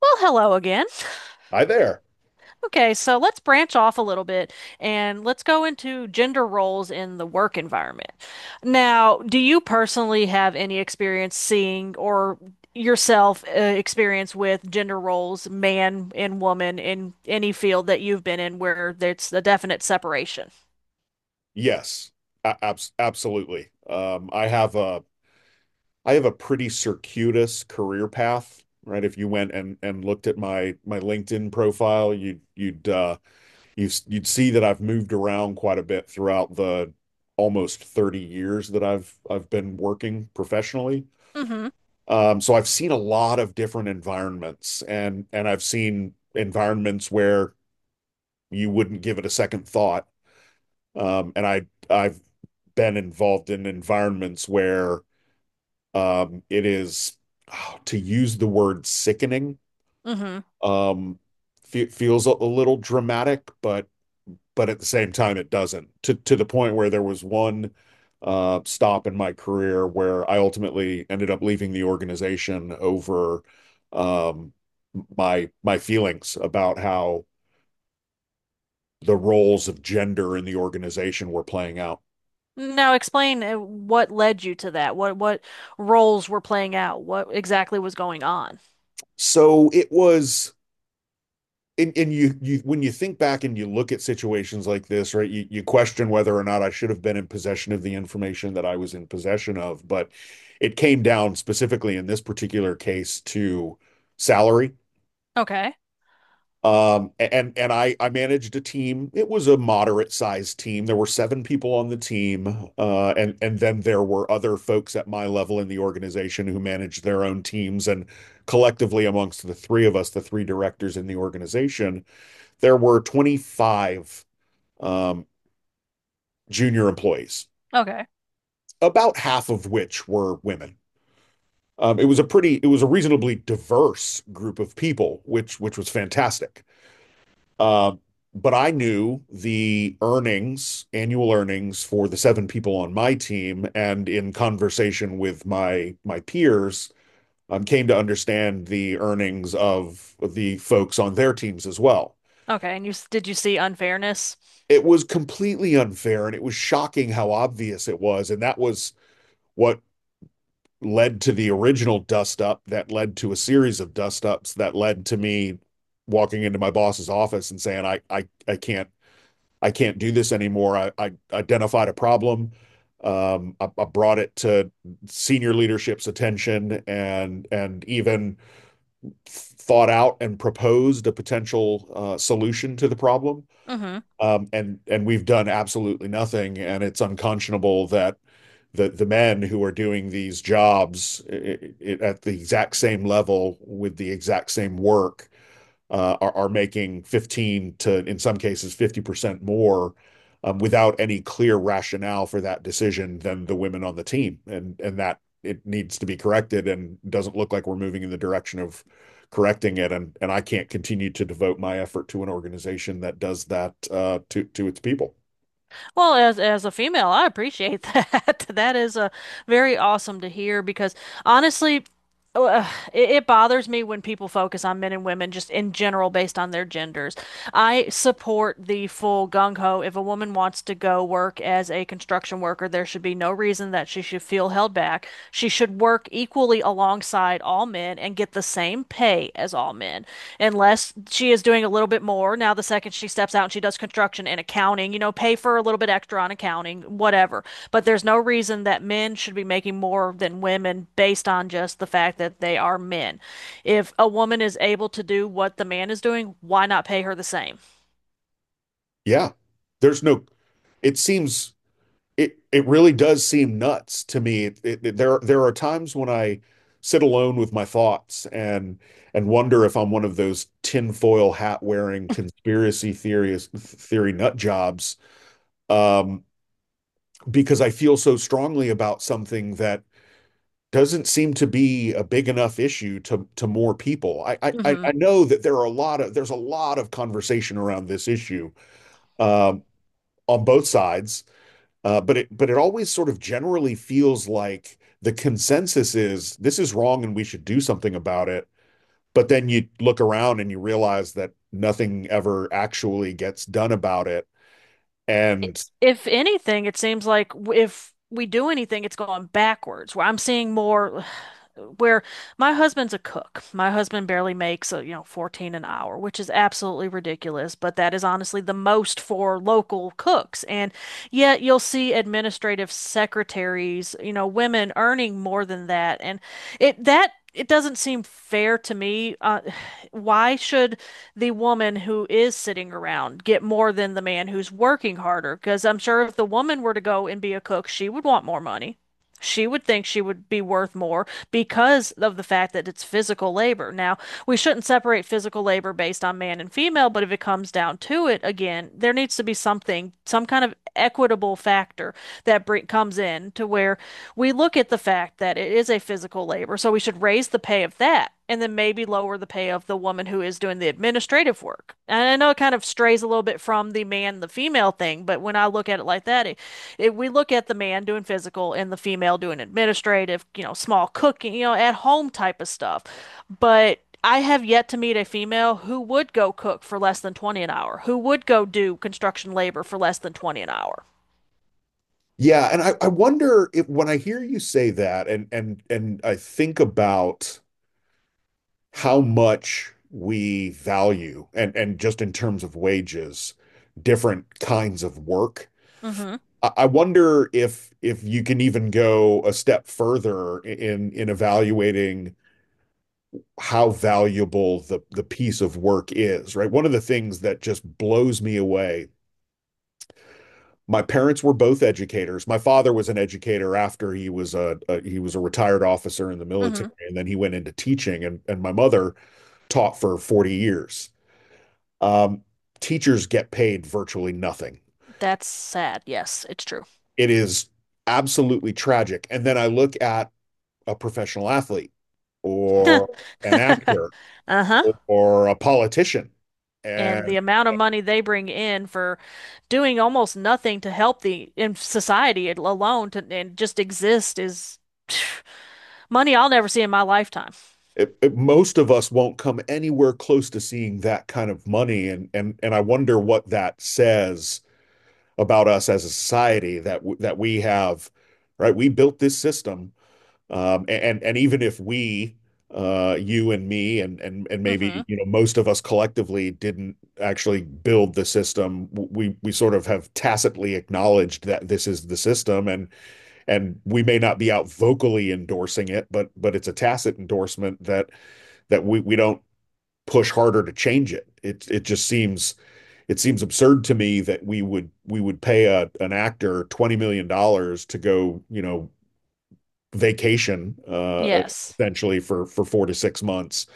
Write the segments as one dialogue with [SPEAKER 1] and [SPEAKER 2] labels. [SPEAKER 1] Well, hello again.
[SPEAKER 2] Hi there.
[SPEAKER 1] Okay, so let's branch off a little bit and let's go into gender roles in the work environment. Now, do you personally have any experience seeing or yourself experience with gender roles, man and woman, in any field that you've been in where there's a definite separation?
[SPEAKER 2] Yes, absolutely. I have a pretty circuitous career path, right? If you went and looked at my LinkedIn profile, you'd see that I've moved around quite a bit throughout the almost 30 years that I've been working professionally.
[SPEAKER 1] Mm-hmm.
[SPEAKER 2] So I've seen a lot of different environments, and I've seen environments where you wouldn't give it a second thought. And I've been involved in environments where, it is, oh, to use the word, sickening.
[SPEAKER 1] Mm-hmm.
[SPEAKER 2] Um, fe feels a little dramatic, but at the same time it doesn't. To the point where there was one stop in my career where I ultimately ended up leaving the organization over, um, my feelings about how the roles of gender in the organization were playing out.
[SPEAKER 1] Now, explain what led you to that. What roles were playing out? What exactly was going on?
[SPEAKER 2] So it was, and you when you think back and you look at situations like this, right, you question whether or not I should have been in possession of the information that I was in possession of. But it came down specifically in this particular case to salary.
[SPEAKER 1] Okay.
[SPEAKER 2] And I managed a team. It was a moderate sized team. There were seven people on the team. And Then there were other folks at my level in the organization who managed their own teams, and collectively amongst the three of us, the three directors in the organization, there were 25 um, junior employees,
[SPEAKER 1] Okay.
[SPEAKER 2] about half of which were women. It was a reasonably diverse group of people, which was fantastic. Um, but I knew the earnings, annual earnings for the seven people on my team, and in conversation with my peers, came to understand the earnings of the folks on their teams as well.
[SPEAKER 1] Okay, and you did you see unfairness?
[SPEAKER 2] It was completely unfair, and it was shocking how obvious it was. And that was what led to the original dust up that led to a series of dust ups that led to me walking into my boss's office and saying, I can't do this anymore. I identified a problem. I brought it to senior leadership's attention, and even thought out and proposed a potential solution to the problem,
[SPEAKER 1] Hmm.
[SPEAKER 2] and we've done absolutely nothing. And it's unconscionable that the men who are doing these jobs, I at the exact same level with the exact same work, are making 15 to, in some cases, 50% more, without any clear rationale for that decision, than the women on the team. And that it needs to be corrected, and doesn't look like we're moving in the direction of correcting it. And I can't continue to devote my effort to an organization that does that, to its people.
[SPEAKER 1] Well, as a female, I appreciate that. That is very awesome to hear because honestly, uh, it bothers me when people focus on men and women just in general based on their genders. I support the full gung ho. If a woman wants to go work as a construction worker, there should be no reason that she should feel held back. She should work equally alongside all men and get the same pay as all men, unless she is doing a little bit more. Now, the second she steps out and she does construction and accounting, you know, pay for a little bit extra on accounting, whatever. But there's no reason that men should be making more than women based on just the fact that they are men. If a woman is able to do what the man is doing, why not pay her the same?
[SPEAKER 2] Yeah, there's no, it seems. It really does seem nuts to me. It, there are times when I sit alone with my thoughts and wonder if I'm one of those tinfoil hat wearing conspiracy theorist theory nut jobs, um, because I feel so strongly about something that doesn't seem to be a big enough issue to more people. I I, I
[SPEAKER 1] Hmm.
[SPEAKER 2] I know that there's a lot of conversation around this issue, um, on both sides. But it always sort of generally feels like the consensus is this is wrong and we should do something about it. But then you look around and you realize that nothing ever actually gets done about it.
[SPEAKER 1] I-
[SPEAKER 2] And,
[SPEAKER 1] If anything, it seems like if we do anything, it's going backwards, where I'm seeing more where my husband's a cook. My husband barely makes, you know, 14 an hour, which is absolutely ridiculous, but that is honestly the most for local cooks. And yet you'll see administrative secretaries, you know, women earning more than that. And it doesn't seem fair to me. Why should the woman who is sitting around get more than the man who's working harder? Because I'm sure if the woman were to go and be a cook, she would want more money. She would think she would be worth more because of the fact that it's physical labor. Now, we shouldn't separate physical labor based on man and female, but if it comes down to it, again, there needs to be something, some kind of equitable factor that comes in to where we look at the fact that it is a physical labor, so we should raise the pay of that and then maybe lower the pay of the woman who is doing the administrative work. And I know it kind of strays a little bit from the man, the female thing, but when I look at it like that, we look at the man doing physical and the female doing administrative, you know, small cooking, you know, at home type of stuff. But I have yet to meet a female who would go cook for less than 20 an hour, who would go do construction labor for less than 20 an hour.
[SPEAKER 2] yeah, and I wonder if, when I hear you say that, and I think about how much we value, and just in terms of wages, different kinds of work,
[SPEAKER 1] Hmm.
[SPEAKER 2] I wonder if you can even go a step further in evaluating how valuable the piece of work is, right? One of the things that just blows me away. My parents were both educators. My father was an educator after he was a retired officer in the
[SPEAKER 1] Hmm.
[SPEAKER 2] military, and then he went into teaching. And my mother taught for 40 years. Um, Teachers get paid virtually nothing.
[SPEAKER 1] That's sad. Yes, it's true.
[SPEAKER 2] It is absolutely tragic. And then I look at a professional athlete, or an actor,
[SPEAKER 1] Uh-huh.
[SPEAKER 2] or a politician.
[SPEAKER 1] And the
[SPEAKER 2] And
[SPEAKER 1] amount of money they bring in for doing almost nothing to help the in society, alone to and just exist is money I'll never see in my lifetime.
[SPEAKER 2] most of us won't come anywhere close to seeing that kind of money. And I wonder what that says about us as a society, that we have, right? We built this system. And Even if we, you and me, and maybe,
[SPEAKER 1] Hmm.
[SPEAKER 2] you know, most of us collectively didn't actually build the system, we sort of have tacitly acknowledged that this is the system, and we may not be out vocally endorsing it, but it's a tacit endorsement that we don't push harder to change it. It just seems absurd to me that we would pay a an actor $20 million to go vacation,
[SPEAKER 1] Yes.
[SPEAKER 2] essentially for 4 to 6 months,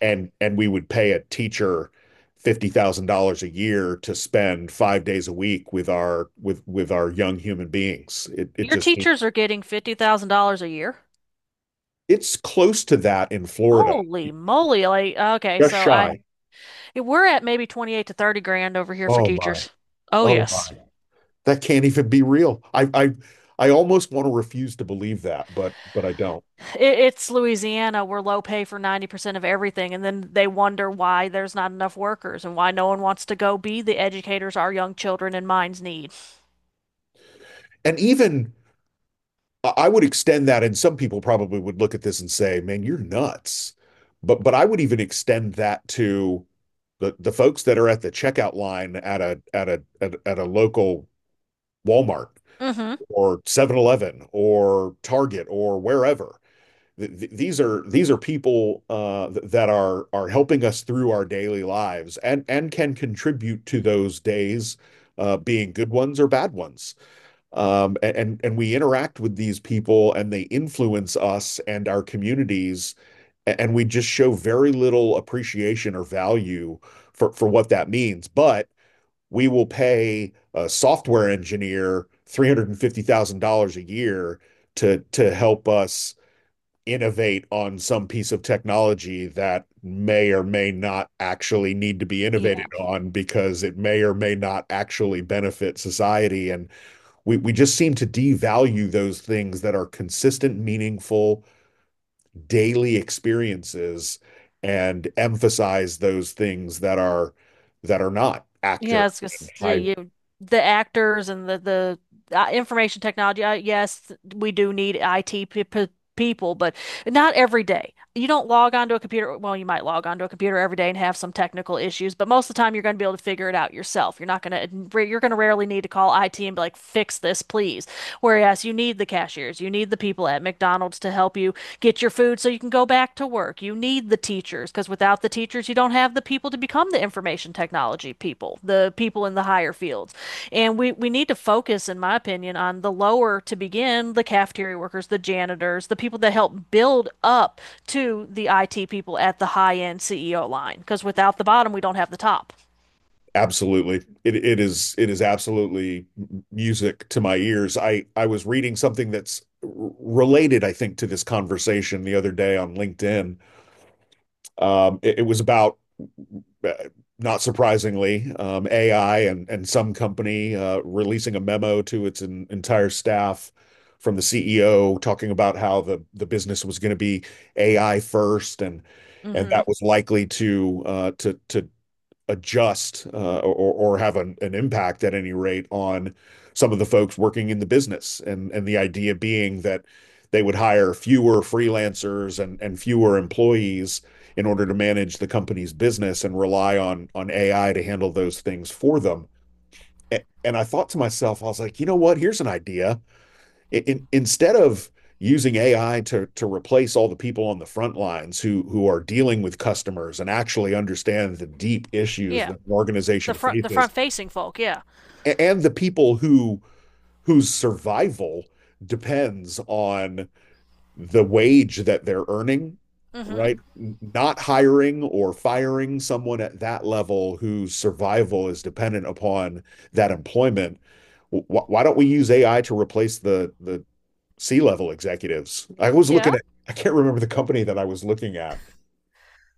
[SPEAKER 2] and we would pay a teacher $50,000 a year to spend 5 days a week with our young human beings. It it
[SPEAKER 1] Your
[SPEAKER 2] just
[SPEAKER 1] teachers are getting $50,000 a year.
[SPEAKER 2] it's close to that in Florida,
[SPEAKER 1] Holy moly. Like, okay,
[SPEAKER 2] just
[SPEAKER 1] so I
[SPEAKER 2] shy.
[SPEAKER 1] we're at maybe 28 to 30 grand over here for
[SPEAKER 2] Oh my,
[SPEAKER 1] teachers. Oh,
[SPEAKER 2] oh
[SPEAKER 1] yes.
[SPEAKER 2] my, that can't even be real. I almost want to refuse to believe that, but I don't.
[SPEAKER 1] It, it's Louisiana. We're low pay for 90% of everything. And then they wonder why there's not enough workers and why no one wants to go be the educators our young children and minds need.
[SPEAKER 2] And even I would extend that, and some people probably would look at this and say, "Man, you're nuts." But I would even extend that to the folks that are at the checkout line at a local Walmart,
[SPEAKER 1] Hmm.
[SPEAKER 2] or 7-Eleven, or Target, or wherever. These are people, that are helping us through our daily lives, and can contribute to those days, being good ones or bad ones, and we interact with these people, and they influence us and our communities. And we just show very little appreciation or value for what that means. But we will pay a software engineer $350,000 a year to help us innovate on some piece of technology that may or may not actually need to be innovated
[SPEAKER 1] Yeah.
[SPEAKER 2] on, because it may or may not actually benefit society. And we just seem to devalue those things that are consistent, meaningful, daily experiences, and emphasize those things that are not
[SPEAKER 1] Yeah, I
[SPEAKER 2] actor
[SPEAKER 1] was gonna
[SPEAKER 2] and
[SPEAKER 1] say
[SPEAKER 2] high.
[SPEAKER 1] you the actors and the information technology. Yes, we do need IT pe pe people, but not every day. You don't log onto a computer. Well, you might log onto a computer every day and have some technical issues, but most of the time you're going to be able to figure it out yourself. You're not going to You're going to rarely need to call IT and be like, "Fix this, please." Whereas you need the cashiers, you need the people at McDonald's to help you get your food so you can go back to work. You need the teachers because without the teachers, you don't have the people to become the information technology people, the people in the higher fields. And we need to focus, in my opinion, on the lower to begin, the cafeteria workers, the janitors, the people that help build up to the IT people at the high end CEO line. Because without the bottom, we don't have the top.
[SPEAKER 2] Absolutely. It is absolutely music to my ears. I was reading something that's related, I think, to this conversation the other day on LinkedIn. It was about, uh, not surprisingly, AI, and some company, releasing a memo to its entire staff from the CEO, talking about how the business was going to be AI first, and that
[SPEAKER 1] Mm-hmm.
[SPEAKER 2] was likely to adjust, or have an impact at any rate on some of the folks working in the business. And the idea being that they would hire fewer freelancers and fewer employees in order to manage the company's business, and rely on AI to handle those things for them. And I thought to myself, I was like, you know what? Here's an idea. Instead of using AI to replace all the people on the front lines, who are dealing with customers and actually understand the deep issues
[SPEAKER 1] Yeah.
[SPEAKER 2] that an
[SPEAKER 1] The
[SPEAKER 2] organization
[SPEAKER 1] front,
[SPEAKER 2] faces,
[SPEAKER 1] facing folk, yeah.
[SPEAKER 2] and the people whose survival depends on the wage that they're earning,
[SPEAKER 1] Mm-hmm.
[SPEAKER 2] right? Not hiring or firing someone at that level whose survival is dependent upon that employment. Why don't we use AI to replace the C-level executives? I was
[SPEAKER 1] Yeah.
[SPEAKER 2] looking at, I can't remember the company that I was looking at,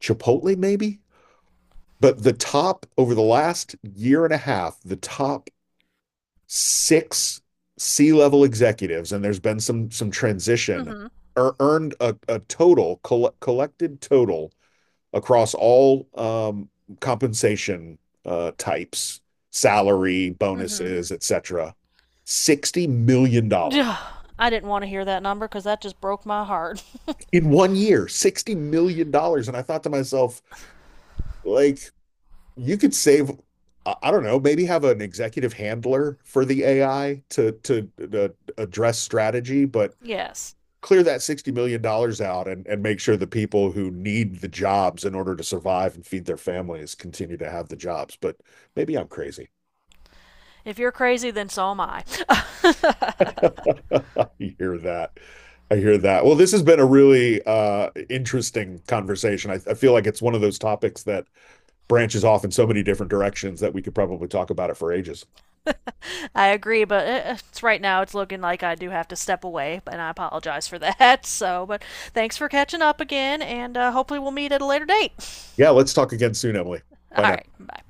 [SPEAKER 2] Chipotle maybe, but the top, over the last year and a half, the top six C-level executives, and there's been some transition,
[SPEAKER 1] Mm-hmm.
[SPEAKER 2] earned a total collected total across all, compensation, types, salary,
[SPEAKER 1] Mm-hmm.
[SPEAKER 2] bonuses, etc. $60 million dollars.
[SPEAKER 1] I didn't want to hear that number because that just broke my heart.
[SPEAKER 2] In one year, $60 million dollars. And I thought to myself, like, you could save, I don't know, maybe have an executive handler for the AI to address strategy, but
[SPEAKER 1] Yes.
[SPEAKER 2] clear that $60 million dollars out, and make sure the people who need the jobs in order to survive and feed their families continue to have the jobs. But maybe I'm crazy.
[SPEAKER 1] If you're crazy, then so am I.
[SPEAKER 2] I hear that. I hear that. Well, this has been a really interesting conversation. I feel like it's one of those topics that branches off in so many different directions that we could probably talk about it for ages.
[SPEAKER 1] I agree, but it's right now it's looking like I do have to step away, and I apologize for that. So, but thanks for catching up again, and hopefully we'll meet at a later date.
[SPEAKER 2] Yeah, let's talk again soon, Emily. Bye
[SPEAKER 1] All
[SPEAKER 2] now.
[SPEAKER 1] right, bye.